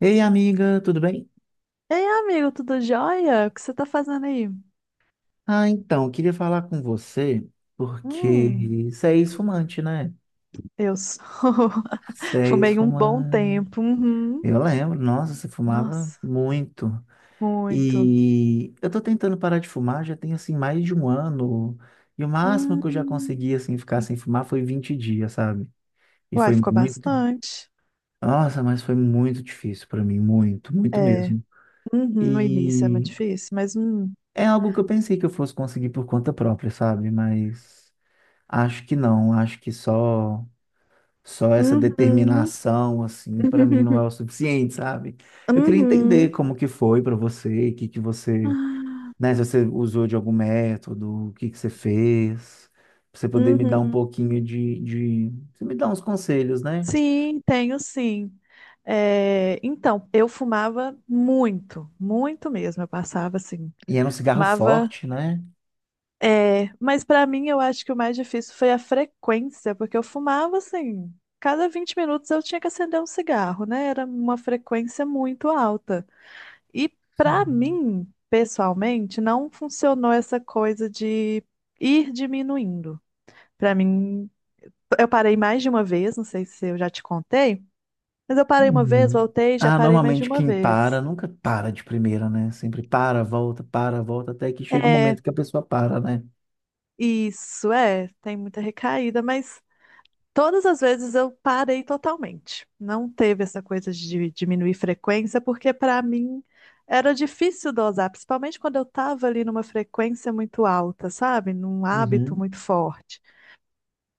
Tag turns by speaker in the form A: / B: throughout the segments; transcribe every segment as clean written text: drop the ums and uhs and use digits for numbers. A: Ei, amiga, tudo bem?
B: Ei, amigo, tudo jóia? O que você tá fazendo aí?
A: Ah, então, queria falar com você
B: Hum,
A: porque você é ex-fumante, né?
B: eu sou.
A: Você é
B: Fumei um bom
A: ex-fumante.
B: tempo. Uhum.
A: Eu lembro, nossa, você fumava
B: Nossa,
A: muito.
B: muito.
A: E eu tô tentando parar de fumar, já tem assim mais de um ano. E o máximo que eu já
B: Hum.
A: consegui assim ficar sem fumar foi 20 dias, sabe? E
B: Uai,
A: foi
B: ficou
A: muito.
B: bastante.
A: Nossa, mas foi muito difícil pra mim, muito, muito
B: É,
A: mesmo.
B: uhum, no início é muito
A: E
B: difícil.
A: é algo que eu pensei que eu fosse conseguir por conta própria, sabe? Mas acho que não, acho que só essa
B: Uhum.
A: determinação assim para mim não é o suficiente, sabe? Eu queria entender
B: Uhum.
A: como que foi para você, o que que você,
B: Ah,
A: né, se você usou de algum método, o que que você fez, pra você poder me dar um
B: Uhum.
A: pouquinho de você me dar uns conselhos, né?
B: Sim, tenho sim. É, então, eu fumava muito, muito mesmo. Eu passava assim,
A: E era um cigarro
B: fumava.
A: forte, né?
B: É, mas pra mim eu acho que o mais difícil foi a frequência, porque eu fumava assim, cada 20 minutos eu tinha que acender um cigarro, né? Era uma frequência muito alta. E pra
A: Sim.
B: mim, pessoalmente, não funcionou essa coisa de ir diminuindo. Pra mim, eu parei mais de uma vez, não sei se eu já te contei, mas eu parei uma vez,
A: Uhum.
B: voltei, já
A: Ah,
B: parei mais de
A: normalmente
B: uma
A: quem para
B: vez.
A: nunca para de primeira, né? Sempre para, volta até que chega o
B: É,
A: momento que a pessoa para, né?
B: isso, é, tem muita recaída, mas todas as vezes eu parei totalmente. Não teve essa coisa de diminuir frequência, porque para mim era difícil dosar, principalmente quando eu estava ali numa frequência muito alta, sabe? Num hábito
A: Uhum.
B: muito forte.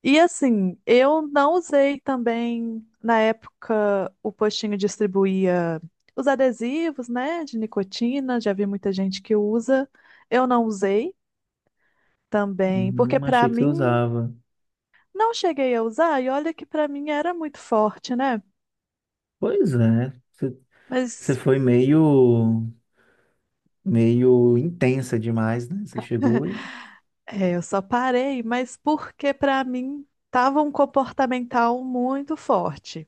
B: E assim, eu não usei também, na época, o postinho distribuía os adesivos, né, de nicotina, já vi muita gente que usa. Eu não usei também, porque para
A: Achei que você
B: mim
A: usava.
B: não cheguei a usar, e olha que para mim era muito forte, né?
A: Pois é, você
B: Mas
A: foi meio intensa demais, né? Você chegou e
B: é, eu só parei, mas porque para mim tava um comportamental muito forte.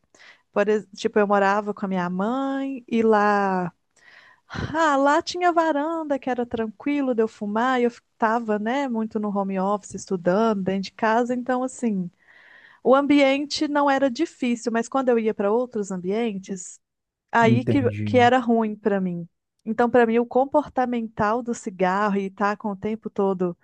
B: Por, tipo, eu morava com a minha mãe e lá, lá tinha varanda que era tranquilo de eu fumar, e eu estava, né, muito no home office estudando dentro de casa, então assim, o ambiente não era difícil, mas quando eu ia para outros ambientes, aí que
A: entendi.
B: era ruim para mim. Então, para mim, o comportamental do cigarro e estar com o tempo todo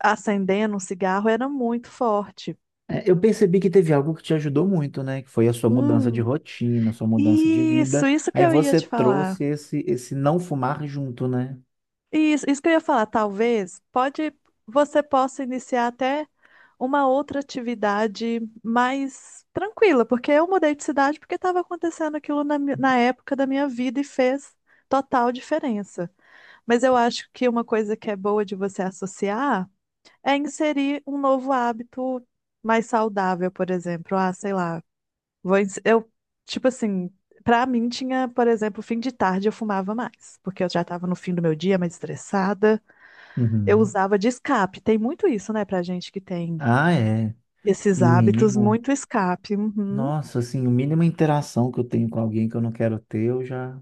B: acendendo um cigarro era muito forte.
A: É, eu percebi que teve algo que te ajudou muito, né? Que foi a sua mudança de
B: Hum,
A: rotina, a sua mudança de
B: Isso,
A: vida.
B: isso que
A: Aí
B: eu ia
A: você
B: te falar.
A: trouxe esse, esse não fumar junto, né?
B: Isso que eu ia falar, talvez você possa iniciar até uma outra atividade mais tranquila, porque eu mudei de cidade porque estava acontecendo aquilo na, na época da minha vida e fez total diferença. Mas eu acho que uma coisa que é boa de você associar é inserir um novo hábito mais saudável, por exemplo. Ah, sei lá. Vou, ens- eu, tipo assim, pra mim tinha, por exemplo, fim de tarde eu fumava mais, porque eu já tava no fim do meu dia, mais estressada. Eu
A: Uhum.
B: usava de escape. Tem muito isso, né, pra gente que tem
A: Ah, é. O
B: esses hábitos,
A: mínimo.
B: muito escape. Uhum.
A: Nossa, assim, o mínimo interação que eu tenho com alguém que eu não quero ter, eu já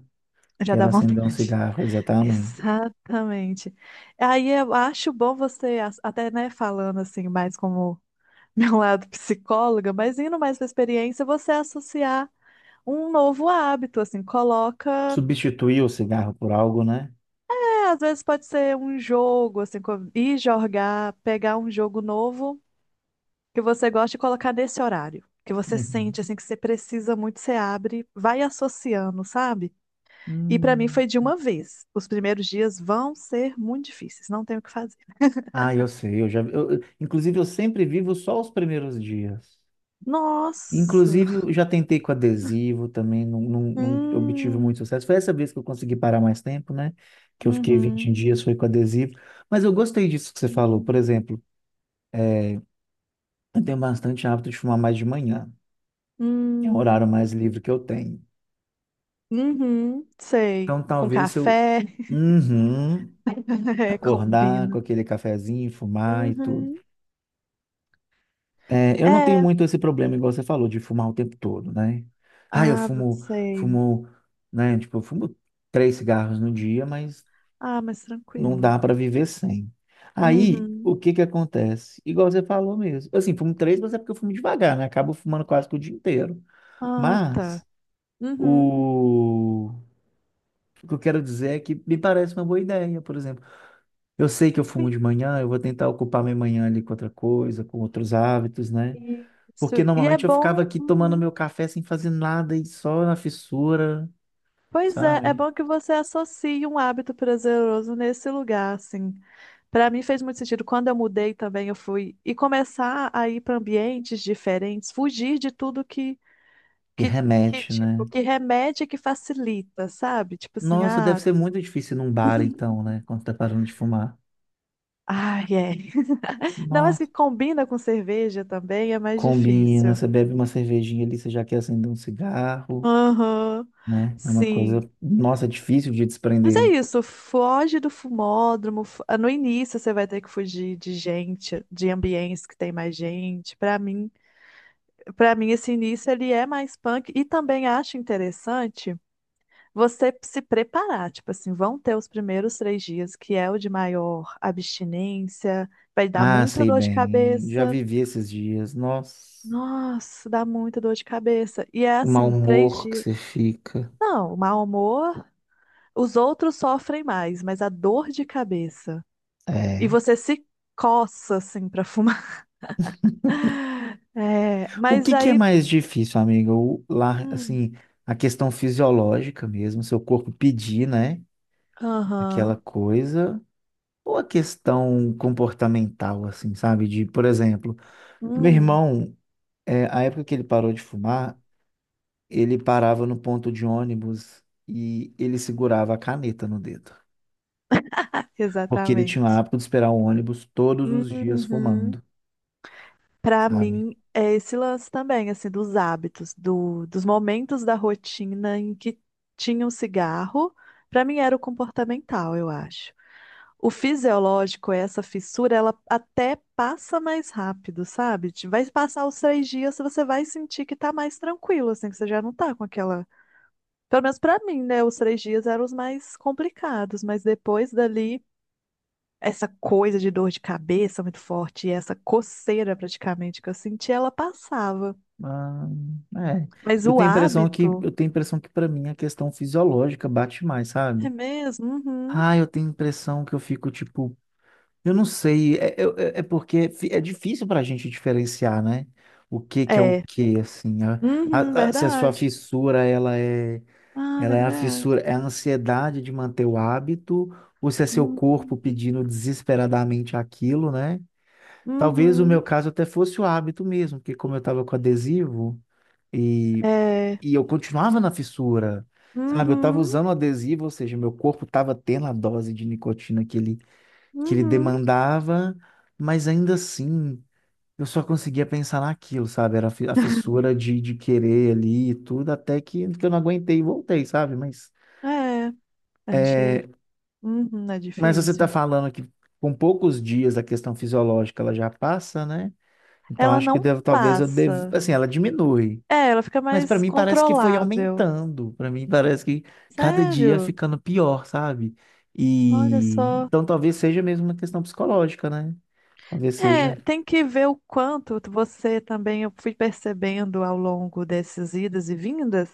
B: Já
A: quero
B: dá
A: acender um
B: vontade.
A: cigarro, exatamente.
B: Exatamente. Aí eu acho bom você, até, né, falando assim, mais como meu lado psicóloga, mas indo mais pra experiência, você associar um novo hábito, assim, coloca.
A: Substituir o cigarro por algo, né?
B: É, às vezes pode ser um jogo, assim, ir jogar, pegar um jogo novo que você gosta e colocar nesse horário. Que você
A: Uhum.
B: sente, assim, que você precisa muito, você abre, vai associando, sabe? E pra mim
A: Hum.
B: foi de uma vez. Os primeiros dias vão ser muito difíceis, não tem o que fazer.
A: Ah, eu sei, eu já, eu- inclusive eu sempre vivo só os primeiros dias.
B: Nossa!
A: Inclusive eu já tentei com adesivo também, não, não, não obtive
B: Hum,
A: muito sucesso. Foi essa vez que eu consegui parar mais tempo, né? Que eu fiquei 20
B: uhum,
A: dias, foi com adesivo. Mas eu gostei disso que você falou. Por
B: hum,
A: exemplo, eu tenho bastante hábito de fumar mais de manhã, que é o
B: hum,
A: horário mais livre que eu tenho.
B: uhum, sei.
A: Então
B: Com
A: talvez eu,
B: café,
A: uhum,
B: é,
A: acordar
B: combina.
A: com aquele cafezinho, fumar e tudo.
B: Uhum,
A: É, eu não tenho
B: é.
A: muito esse problema, igual você falou, de fumar o tempo todo, né? Ah, eu
B: Ah,
A: fumo,
B: sei.
A: fumo, né? Tipo, eu fumo 3 cigarros no dia, mas
B: Ah, mas
A: não
B: tranquilo.
A: dá para viver sem. Aí,
B: Uhum.
A: o que que acontece? Igual você falou mesmo. Assim, fumo três, mas é porque eu fumo devagar, né? Acabo fumando quase que o dia inteiro.
B: Ah, tá.
A: Mas,
B: Uhum.
A: o... o que eu quero dizer é que me parece uma boa ideia, por exemplo. Eu sei que eu fumo de manhã, eu vou tentar ocupar minha manhã ali com outra coisa, com outros hábitos, né?
B: Sim.
A: Porque
B: Isso. E é
A: normalmente eu ficava
B: bom.
A: aqui tomando
B: Uhum.
A: meu café sem fazer nada e só na fissura,
B: Pois é, é
A: sabe?
B: bom que você associe um hábito prazeroso nesse lugar, assim. Para mim fez muito sentido. Quando eu mudei também, eu fui e começar a ir para ambientes diferentes, fugir de tudo que,
A: Que remete, né?
B: tipo, que remete e que facilita, sabe? Tipo assim,
A: Nossa, deve
B: ah,
A: ser muito difícil ir num bar então, né? Quando tá parando de fumar.
B: ai, é. Não, mas que
A: Nossa,
B: combina com cerveja também é mais
A: combina,
B: difícil.
A: você bebe uma cervejinha ali, você já quer acender um cigarro,
B: Aham,
A: né? É uma
B: sim.
A: coisa, nossa, difícil de
B: Mas é
A: desprender.
B: isso, foge do fumódromo. No início você vai ter que fugir de gente, de ambientes que tem mais gente. Para mim esse início ele é mais punk e também acho interessante você se preparar, tipo assim, vão ter os primeiros 3 dias que é o de maior abstinência, vai dar
A: Ah,
B: muita
A: sei
B: dor de
A: bem, já
B: cabeça.
A: vivi esses dias. Nossa,
B: Nossa, dá muita dor de cabeça. E é
A: o mau
B: assim, três
A: humor que
B: dias.
A: você fica.
B: Não, o mau humor, os outros sofrem mais, mas a dor de cabeça. E
A: É.
B: você se coça, assim, pra fumar. É,
A: O
B: mas
A: que que é
B: aí.
A: mais difícil, amiga? O, lá,
B: Hum,
A: assim, a questão fisiológica mesmo, seu corpo pedir, né? Aquela
B: aham.
A: coisa. Ou a questão comportamental, assim, sabe? De, por exemplo, meu
B: hum,
A: irmão, a época que ele parou de fumar, ele parava no ponto de ônibus e ele segurava a caneta no dedo. Porque ele tinha o
B: exatamente.
A: hábito de esperar o ônibus todos os dias
B: Uhum.
A: fumando,
B: Pra
A: sabe?
B: mim, é esse lance também, assim, dos hábitos, dos momentos da rotina em que tinha um cigarro. Para mim, era o comportamental, eu acho. O fisiológico, essa fissura, ela até passa mais rápido, sabe? Vai passar os 3 dias, você vai sentir que tá mais tranquilo, assim, que você já não tá com aquela. Pelo menos pra mim, né? Os três dias eram os mais complicados, mas depois dali, essa coisa de dor de cabeça muito forte, e essa coceira praticamente que eu senti, ela passava.
A: Ah, é.
B: Mas
A: Eu
B: o
A: tenho a impressão que
B: hábito,
A: eu tenho a impressão que para mim a questão fisiológica bate mais,
B: é
A: sabe?
B: mesmo? Uhum.
A: Ah, eu tenho a impressão que eu fico tipo, eu não sei, é difícil pra gente diferenciar, né? O que que é o
B: É,
A: que, assim,
B: uhum,
A: se a sua
B: verdade.
A: fissura ela é,
B: Ah,
A: ela é a
B: verdade.
A: fissura, é a ansiedade de manter o hábito, ou se é seu corpo
B: Uhum,
A: pedindo desesperadamente aquilo, né? Talvez o meu
B: uhum,
A: caso até fosse o hábito mesmo, porque como eu tava com adesivo e
B: é,
A: e eu continuava na fissura, sabe? Eu estava
B: uhum,
A: usando o adesivo, ou seja, meu corpo estava tendo a dose de nicotina que ele
B: uhum.
A: demandava, mas ainda assim, eu só conseguia pensar naquilo, sabe? Era a fissura de querer ali e tudo, até que eu não aguentei e voltei, sabe? Mas,
B: É, a gente. Uhum, é
A: mas você está
B: difícil.
A: falando que com poucos dias a questão fisiológica ela já passa, né? Então
B: Ela
A: acho que
B: não
A: devo, talvez eu deva,
B: passa.
A: assim, ela diminui.
B: É, ela fica
A: Mas pra
B: mais
A: mim parece que foi
B: controlável.
A: aumentando. Pra mim parece que cada dia
B: Sério?
A: ficando pior, sabe?
B: Olha
A: E
B: só.
A: então talvez seja mesmo uma questão psicológica, né? Talvez
B: É,
A: seja.
B: tem que ver o quanto você também, eu fui percebendo ao longo dessas idas e vindas,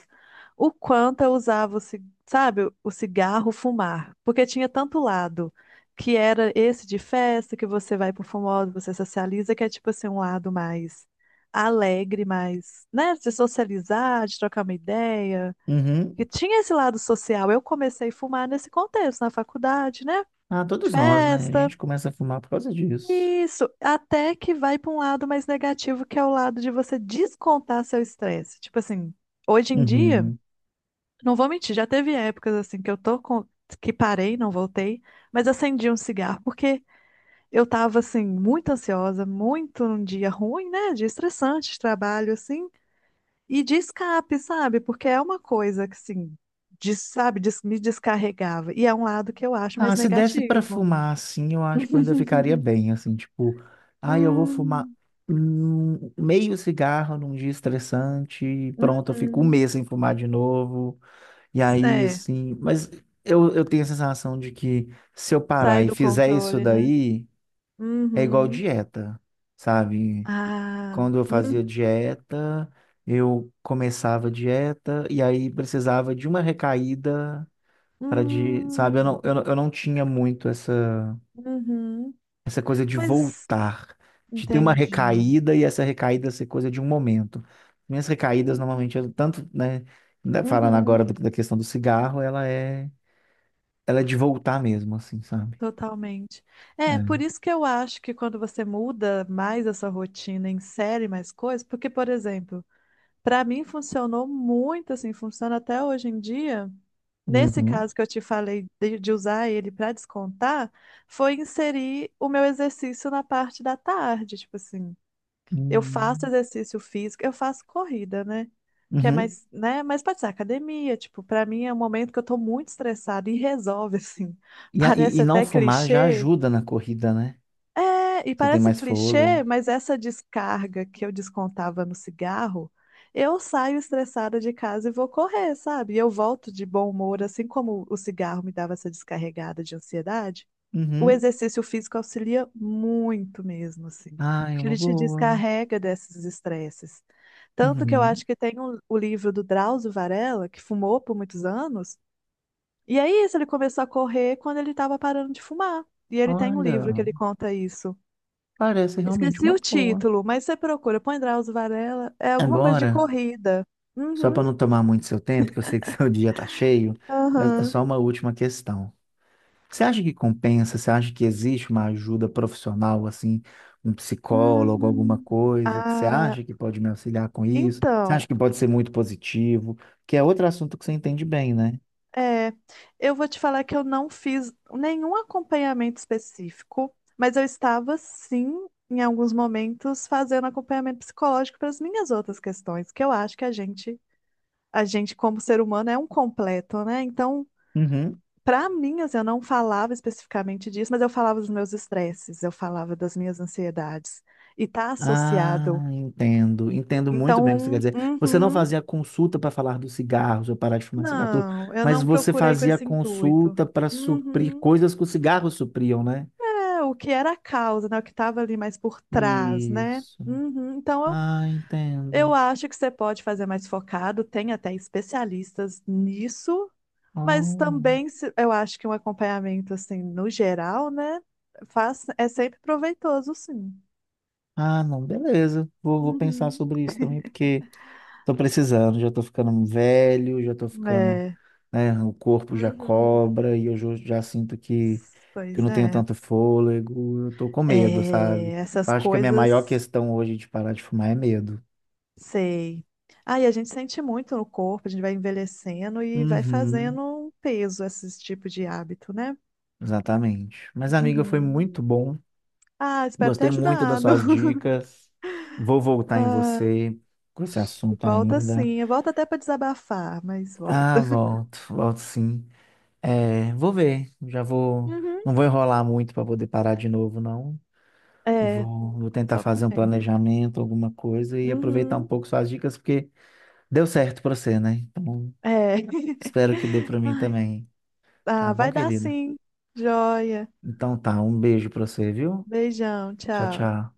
B: o quanto eu usava, sabe, o cigarro fumar. Porque tinha tanto lado, que era esse de festa, que você vai pro famoso, você socializa, que é tipo assim, um lado mais alegre, mais, né, de socializar, de trocar uma ideia.
A: Uhum.
B: E tinha esse lado social. Eu comecei a fumar nesse contexto, na faculdade, né?
A: Ah, todos nós, né? A
B: Festa.
A: gente começa a fumar por causa disso.
B: Isso, até que vai para um lado mais negativo, que é o lado de você descontar seu estresse. Tipo assim, hoje em dia,
A: Uhum.
B: não vou mentir, já teve épocas assim que eu tô com que parei, não voltei, mas acendi um cigarro porque eu tava assim muito ansiosa, muito num dia ruim, né, de estressante, de trabalho assim, e de escape, sabe? Porque é uma coisa que assim, sabe, me descarregava. E é um lado que eu acho
A: Ah,
B: mais
A: se desse pra
B: negativo.
A: fumar assim, eu acho que eu ainda ficaria bem, assim, tipo, ah, eu vou fumar
B: Hum,
A: meio cigarro num dia estressante, e pronto, eu fico um
B: uhum.
A: mês sem fumar de novo. E aí,
B: É,
A: assim, mas eu tenho a sensação de que se eu parar
B: sai
A: e
B: do
A: fizer isso
B: controle, né?
A: daí, é igual
B: Uhum.
A: dieta, sabe?
B: Ah,
A: Quando eu
B: hum,
A: fazia dieta, eu começava a dieta e aí precisava de uma recaída para de, sabe? Eu
B: hum,
A: não, eu, não- eu não tinha muito essa,
B: uhum.
A: essa coisa de
B: Mas
A: voltar, de ter uma
B: entendi.
A: recaída e essa recaída ser coisa de um momento. Minhas recaídas
B: Hum,
A: normalmente, tanto, né, ainda falando agora
B: Uhum.
A: da questão do cigarro, ela é de voltar mesmo, assim, sabe?
B: Totalmente. É, por
A: É.
B: isso que eu acho que quando você muda mais essa rotina, insere mais coisas, porque, por exemplo, para mim funcionou muito assim, funciona até hoje em dia. Nesse
A: Uhum.
B: caso que eu te falei de usar ele para descontar, foi inserir o meu exercício na parte da tarde, tipo assim. Eu faço
A: Hum.
B: exercício físico, eu faço corrida, né? Que é
A: Uhum.
B: mais, né? Mas pode ser academia, tipo, pra mim é um momento que eu tô muito estressada e resolve, assim.
A: E, a- e,
B: Parece
A: e não
B: até
A: fumar já
B: clichê.
A: ajuda na corrida, né?
B: É, e
A: Você tem
B: parece
A: mais
B: clichê,
A: fôlego.
B: mas essa descarga que eu descontava no cigarro, eu saio estressada de casa e vou correr, sabe? E eu volto de bom humor, assim como o cigarro me dava essa descarregada de ansiedade. O
A: Uhum.
B: exercício físico auxilia muito mesmo, assim,
A: Ah, é
B: porque
A: uma
B: ele te
A: boa.
B: descarrega desses estresses. Tanto que eu acho
A: Uhum.
B: que tem o livro do Drauzio Varela, que fumou por muitos anos, e é isso, ele começou a correr quando ele estava parando de fumar. E ele tem um livro que
A: Olha,
B: ele conta isso.
A: parece realmente
B: Esqueci
A: uma
B: o
A: boa.
B: título, mas você procura, põe Drauzio Varela, é alguma coisa de
A: Agora,
B: corrida.
A: só para
B: Uhum,
A: não tomar muito seu tempo, que eu sei que seu dia tá cheio, é
B: aham.
A: só uma última questão. Você acha que compensa? Você acha que existe uma ajuda profissional, assim, um psicólogo, alguma
B: Hum,
A: coisa que você
B: ah,
A: acha que pode me auxiliar com isso? Você acha
B: então.
A: que pode ser muito positivo? Que é outro assunto que você entende bem, né?
B: É, eu vou te falar que eu não fiz nenhum acompanhamento específico, mas eu estava sim, em alguns momentos, fazendo acompanhamento psicológico para as minhas outras questões, que eu acho que a gente como ser humano é um completo, né? Então,
A: Uhum.
B: para mim, assim, eu não falava especificamente disso, mas eu falava dos meus estresses, eu falava das minhas ansiedades, e tá associado.
A: Ah, entendo. Entendo muito bem o que você quer
B: Então,
A: dizer. Você não
B: uhum,
A: fazia consulta para falar dos cigarros ou parar de fumar cigarro, tudo,
B: não, eu
A: mas
B: não
A: você
B: procurei com
A: fazia
B: esse intuito.
A: consulta para suprir
B: Uhum.
A: coisas que os cigarros supriam, né?
B: É, o que era a causa, né? O que estava ali mais por trás, né?
A: Isso.
B: Uhum. Então,
A: Ah,
B: eu
A: entendo.
B: acho que você pode fazer mais focado, tem até especialistas nisso, mas
A: Oh.
B: também eu acho que um acompanhamento, assim, no geral, né? Faz, é sempre proveitoso, sim.
A: Ah, não, beleza. Vou pensar
B: Uhum.
A: sobre isso também, porque tô precisando, já tô ficando velho, já tô ficando,
B: É,
A: né, o corpo já
B: uhum.
A: cobra e eu já sinto que eu
B: Pois
A: não tenho
B: é.
A: tanto fôlego, eu tô com medo,
B: É,
A: sabe?
B: essas
A: Eu acho que a minha maior
B: coisas.
A: questão hoje de parar de fumar é medo.
B: Sei. Ah, e a gente sente muito no corpo, a gente vai envelhecendo e vai
A: Uhum,
B: fazendo um peso esses tipos de hábito, né?
A: exatamente. Mas, amiga, foi
B: Uhum.
A: muito bom.
B: Ah, espero ter
A: Gostei muito das
B: ajudado.
A: suas dicas. Vou voltar em
B: Ah,
A: você com esse assunto
B: volta
A: ainda.
B: sim, volta até para desabafar, mas volta.
A: Ah, volto, volto sim. É, vou ver. Já vou.
B: Uhum.
A: Não vou enrolar muito para poder parar de novo, não.
B: É,
A: Vou tentar
B: só
A: fazer um
B: começa.
A: planejamento, alguma coisa e aproveitar um
B: Uhum.
A: pouco suas dicas, porque deu certo para você, né? Então,
B: É.
A: espero que dê para mim também. Tá
B: Ah,
A: bom,
B: vai dar
A: querida?
B: sim. Joia.
A: Então tá, um beijo para você, viu?
B: Beijão,
A: Tchau,
B: tchau.
A: tchau.